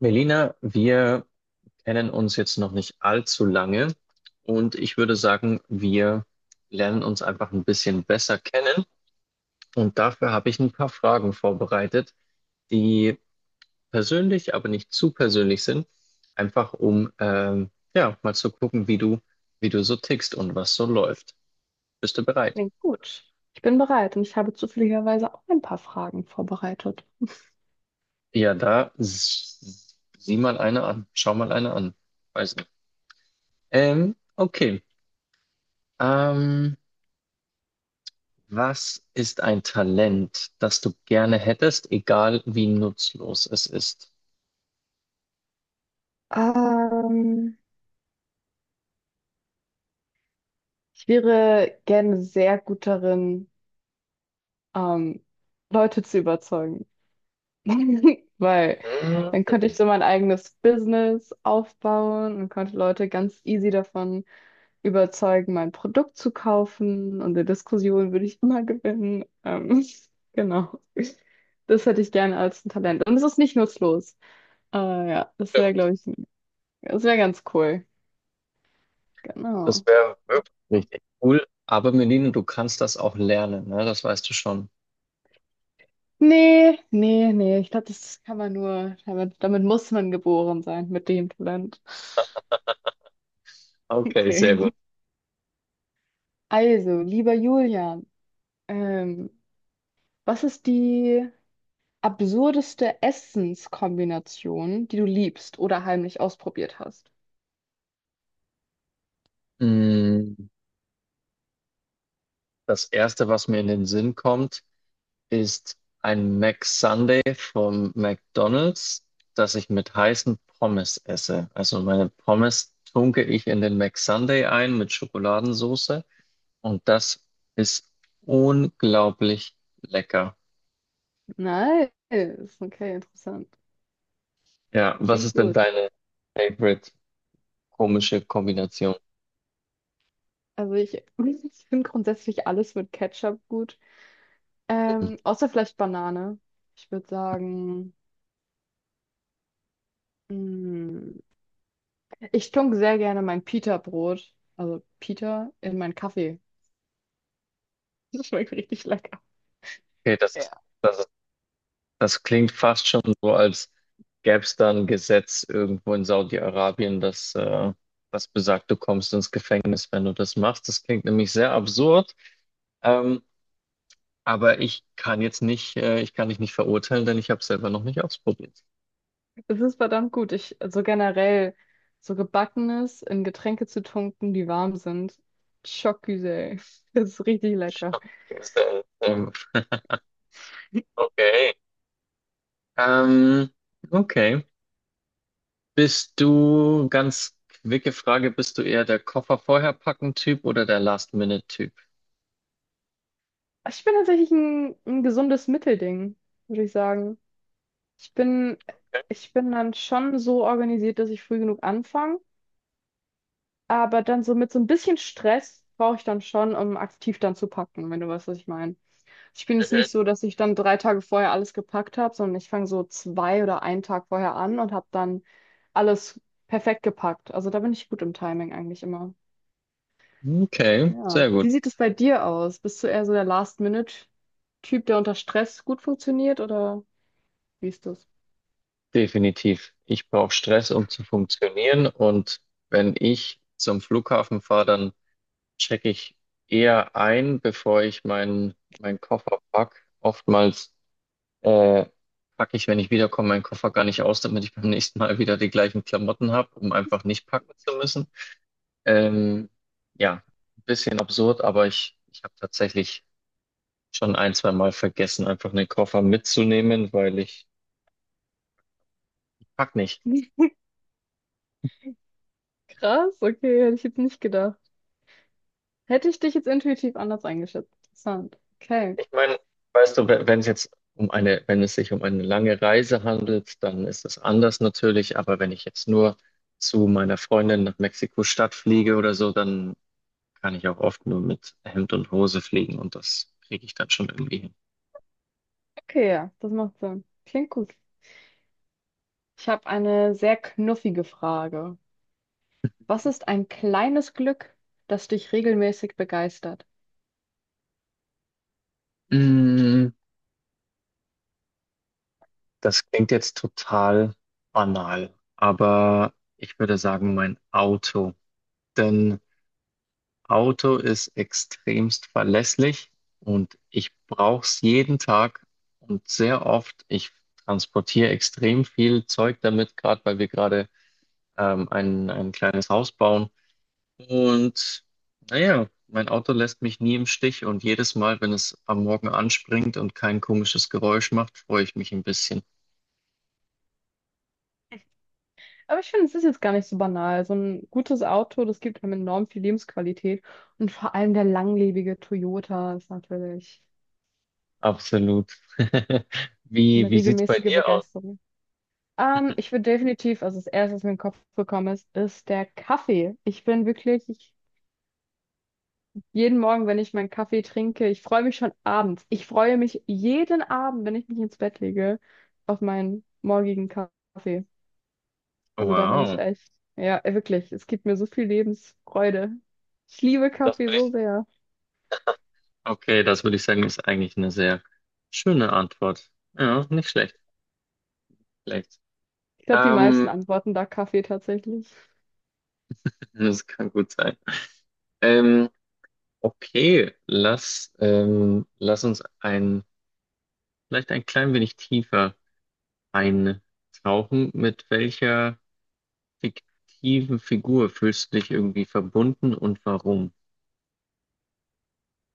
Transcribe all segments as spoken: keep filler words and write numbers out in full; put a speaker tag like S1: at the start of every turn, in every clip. S1: Melina, wir kennen uns jetzt noch nicht allzu lange und ich würde sagen, wir lernen uns einfach ein bisschen besser kennen. Und dafür habe ich ein paar Fragen vorbereitet, die persönlich, aber nicht zu persönlich sind, einfach um ähm, ja mal zu gucken, wie du, wie du so tickst und was so läuft. Bist du bereit?
S2: Klingt gut. Ich bin bereit und ich habe zufälligerweise auch ein paar Fragen vorbereitet.
S1: Ja, da s- sieh mal eine an, schau mal eine an. Weiß nicht. Ähm, okay. Ähm, Was ist ein Talent, das du gerne hättest, egal wie nutzlos es ist?
S2: Ähm, Ich wäre gerne sehr gut darin, ähm, Leute zu überzeugen, weil
S1: Hm,
S2: dann könnte ich so mein eigenes Business aufbauen und könnte Leute ganz easy davon überzeugen, mein Produkt zu kaufen und in Diskussionen würde ich immer gewinnen. Ähm, genau. Das hätte ich gerne als ein Talent. Und es ist nicht nutzlos. Äh, ja, das wäre,
S1: stimmt.
S2: glaube ich, das wäre ganz cool.
S1: Das
S2: Genau.
S1: wäre wirklich richtig cool. Aber Melina, du kannst das auch lernen, ne? Das weißt du schon.
S2: Nee, nee, nee. Ich glaube, das kann man nur, damit, damit muss man geboren sein, mit dem Talent.
S1: Okay, sehr gut.
S2: Okay. Also, lieber Julian, ähm, was ist die absurdeste Essenskombination, die du liebst oder heimlich ausprobiert hast?
S1: Hm, das erste, was mir in den Sinn kommt, ist ein Mac Sunday vom McDonald's, das ich mit heißen Pommes esse. Also meine Pommes tunke ich in den Mac Sunday ein mit Schokoladensauce. Und das ist unglaublich lecker.
S2: Nice. Okay, interessant.
S1: Ja, was
S2: Klingt
S1: ist denn
S2: gut.
S1: deine favorite komische Kombination?
S2: Also ich, ich finde grundsätzlich alles mit Ketchup gut.
S1: Mhm.
S2: Ähm, außer vielleicht Banane. Ich würde sagen. Mm. Ich tunke sehr gerne mein Pita-Brot, also Pita, in meinen Kaffee. Das schmeckt richtig lecker.
S1: Okay, das ist,
S2: Ja.
S1: das ist, das klingt fast schon so, als gäbe es da ein Gesetz irgendwo in Saudi-Arabien, das, äh, das besagt, du kommst ins Gefängnis, wenn du das machst. Das klingt nämlich sehr absurd. Ähm, aber ich kann jetzt nicht, äh, ich kann dich nicht verurteilen, denn ich habe es selber noch nicht ausprobiert.
S2: Es ist verdammt gut. Ich, also generell, so Gebackenes in Getränke zu tunken, die warm sind. Schockgüsel. Das ist richtig lecker.
S1: Schockgesell. Ähm, Okay. Ähm, okay. Bist du, ganz quicke Frage, bist du eher der Koffer vorher packen Typ oder der Last-Minute-Typ?
S2: Ich bin tatsächlich ein, ein gesundes Mittelding, würde ich sagen. Ich bin, ich bin dann schon so organisiert, dass ich früh genug anfange, aber dann so mit so ein bisschen Stress brauche ich dann schon, um aktiv dann zu packen, wenn du weißt, was ich meine. Ich bin jetzt
S1: Mhm.
S2: nicht so, dass ich dann drei Tage vorher alles gepackt habe, sondern ich fange so zwei oder einen Tag vorher an und habe dann alles perfekt gepackt. Also da bin ich gut im Timing eigentlich immer.
S1: Okay,
S2: Ja.
S1: sehr gut.
S2: Wie sieht es bei dir aus? Bist du eher so der Last-Minute-Typ, der unter Stress gut funktioniert oder wie ist das?
S1: Definitiv. Ich brauche Stress, um zu funktionieren. Und wenn ich zum Flughafen fahre, dann checke ich eher ein, bevor ich meinen meinen Koffer pack. Oftmals äh, packe ich, wenn ich wiederkomme, meinen Koffer gar nicht aus, damit ich beim nächsten Mal wieder die gleichen Klamotten habe, um einfach nicht packen zu müssen. Ähm, ja, ein bisschen absurd, aber ich, ich habe tatsächlich schon ein, zwei Mal vergessen, einfach einen Koffer mitzunehmen, weil ich pack nicht.
S2: Krass, okay, hätte ich jetzt nicht gedacht. Hätte ich dich jetzt intuitiv anders eingeschätzt. Interessant. Okay.
S1: Ich meine, weißt du, wenn wenn es jetzt um eine, wenn es sich um eine lange Reise handelt, dann ist das anders natürlich, aber wenn ich jetzt nur zu meiner Freundin nach Mexiko-Stadt fliege oder so, dann kann ich auch oft nur mit Hemd und Hose fliegen und das kriege ich dann schon irgendwie hin.
S2: Okay, ja, das macht Sinn. Klingt gut. Ich habe eine sehr knuffige Frage. Was ist ein kleines Glück, das dich regelmäßig begeistert?
S1: Mm, das klingt jetzt total banal, aber ich würde sagen, mein Auto. Denn Auto ist extremst verlässlich und ich brauche es jeden Tag und sehr oft. Ich transportiere extrem viel Zeug damit, gerade weil wir gerade ähm, ein, ein kleines Haus bauen. Und naja, mein Auto lässt mich nie im Stich und jedes Mal, wenn es am Morgen anspringt und kein komisches Geräusch macht, freue ich mich ein bisschen.
S2: Aber ich finde, es ist jetzt gar nicht so banal. So ein gutes Auto, das gibt einem enorm viel Lebensqualität. Und vor allem der langlebige Toyota ist natürlich
S1: Absolut. Wie,
S2: eine
S1: wie sieht's bei
S2: regelmäßige
S1: dir aus?
S2: Begeisterung. Ähm, ich würde definitiv, also das Erste, was mir in den Kopf gekommen ist, ist der Kaffee. Ich bin wirklich, ich, jeden Morgen, wenn ich meinen Kaffee trinke, ich freue mich schon abends. Ich freue mich jeden Abend, wenn ich mich ins Bett lege, auf meinen morgigen Kaffee. Also da bin ich
S1: Wow,
S2: echt, ja, wirklich, es gibt mir so viel Lebensfreude. Ich liebe
S1: das
S2: Kaffee
S1: würde
S2: so
S1: ich,
S2: sehr.
S1: okay, das würde ich sagen, ist eigentlich eine sehr schöne Antwort. Ja, nicht schlecht, vielleicht.
S2: Ich glaube, die
S1: Ähm,
S2: meisten antworten da Kaffee tatsächlich.
S1: das kann gut sein. Ähm, okay, lass, ähm, lass uns ein, vielleicht ein klein wenig tiefer eintauchen. Mit welcher fiktiven Figur fühlst du dich irgendwie verbunden und warum?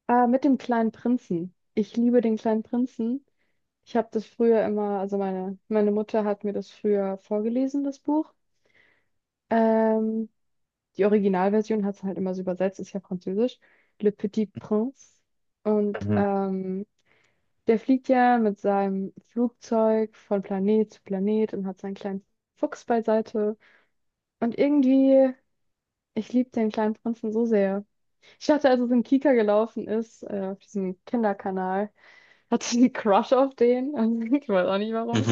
S2: Äh, mit dem kleinen Prinzen. Ich liebe den kleinen Prinzen. Ich habe das früher immer, also meine, meine Mutter hat mir das früher vorgelesen, das Buch. Ähm, Die Originalversion hat es halt immer so übersetzt, ist ja französisch. Le Petit Prince. Und
S1: Mhm.
S2: ähm, der fliegt ja mit seinem Flugzeug von Planet zu Planet und hat seinen kleinen Fuchs beiseite. Und irgendwie, ich liebe den kleinen Prinzen so sehr. Ich dachte, als es in Kika gelaufen ist, äh, auf diesem Kinderkanal, hatte ich einen Crush auf den. Also, ich weiß auch nicht warum.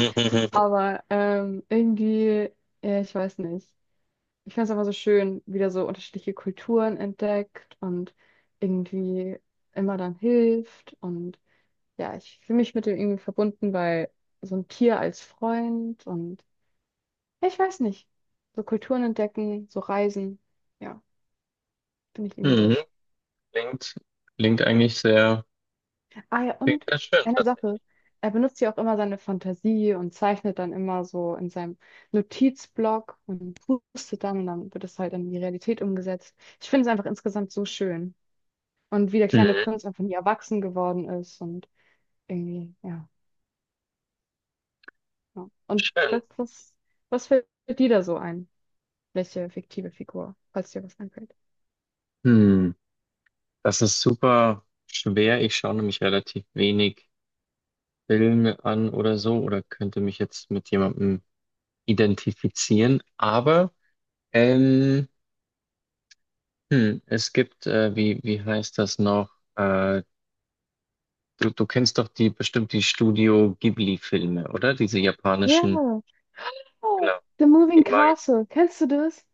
S2: Aber ähm, irgendwie, ja, ich weiß nicht. Ich finde es einfach so schön, wieder so unterschiedliche Kulturen entdeckt und irgendwie immer dann hilft und ja, ich fühle mich mit dem irgendwie verbunden, weil so ein Tier als Freund und ja, ich weiß nicht, so Kulturen entdecken, so Reisen, ja, finde ich irgendwie sehr schön.
S1: Klingt, klingt eigentlich sehr,
S2: Ah ja,
S1: klingt
S2: und
S1: sehr schön
S2: eine Sache,
S1: tatsächlich.
S2: er benutzt ja auch immer seine Fantasie und zeichnet dann immer so in seinem Notizblock und pustet dann und dann wird es halt in die Realität umgesetzt. Ich finde es einfach insgesamt so schön. Und wie der kleine
S1: Mhm.
S2: Prinz einfach nie erwachsen geworden ist und irgendwie, ja. Ja. Und
S1: Schön.
S2: was, was, was fällt dir da so ein? Welche fiktive Figur, falls dir was einfällt.
S1: Hm. Das ist super schwer. Ich schaue nämlich relativ wenig Filme an oder so oder könnte mich jetzt mit jemandem identifizieren. Aber ähm, hm, es gibt, äh, wie, wie heißt das noch? Äh, du, du kennst doch die bestimmt die Studio Ghibli-Filme, oder? Diese
S2: Ja.
S1: japanischen.
S2: Oh,
S1: Genau.
S2: The Moving
S1: Die mag,
S2: Castle. Kennst du das?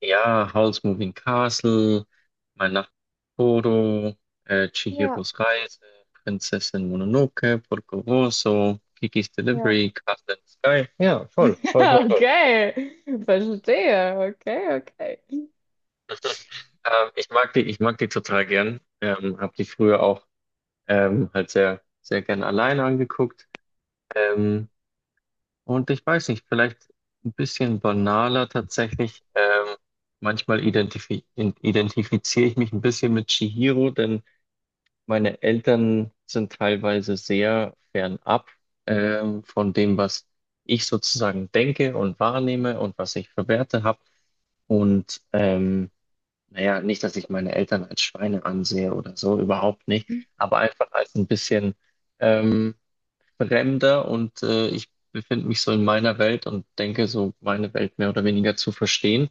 S1: ja, Howl's Moving Castle, Mein Nachbar Totoro, äh,
S2: Ja,
S1: Chihiros Reise, Prinzessin Mononoke, Porco Rosso, Kiki's
S2: ja.
S1: Delivery, Castle in the Sky. Ja, voll, voll, voll, voll.
S2: Okay, verstehe. Okay, okay.
S1: Ähm, ich mag die, ich mag die total gern. Ähm, hab die früher auch ähm, halt sehr, sehr gern alleine angeguckt. Ähm, und ich weiß nicht, vielleicht ein bisschen banaler tatsächlich. Ähm, manchmal identifi in- identifiziere ich mich ein bisschen mit Chihiro, denn meine Eltern sind teilweise sehr fernab ähm, von dem, was ich sozusagen denke und wahrnehme und was ich für Werte habe. Und ähm, naja, nicht, dass ich meine Eltern als Schweine ansehe oder so, überhaupt nicht, aber einfach als ein bisschen ähm, fremder und äh, ich befinde mich so in meiner Welt und denke so meine Welt mehr oder weniger zu verstehen.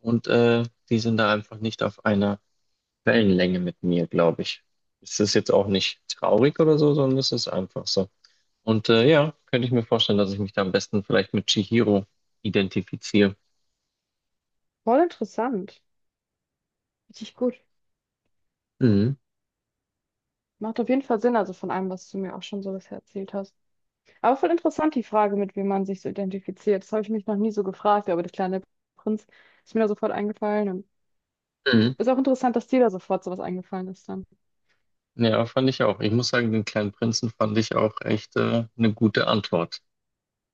S1: Und äh, die sind da einfach nicht auf einer Wellenlänge mit mir, glaube ich. Es ist jetzt auch nicht traurig oder so, sondern es ist einfach so. Und äh, ja, könnte ich mir vorstellen, dass ich mich da am besten vielleicht mit Chihiro identifiziere.
S2: Voll interessant. Richtig gut.
S1: Mhm.
S2: Macht auf jeden Fall Sinn, also von allem, was du mir auch schon so bisher erzählt hast. Aber voll interessant die Frage, mit wem man sich so identifiziert. Das habe ich mich noch nie so gefragt, aber der kleine Prinz ist mir da sofort eingefallen. Und
S1: Mhm.
S2: ist auch interessant, dass dir da sofort sowas eingefallen ist dann.
S1: Ja, fand ich auch. Ich muss sagen, den kleinen Prinzen fand ich auch echt äh, eine gute Antwort.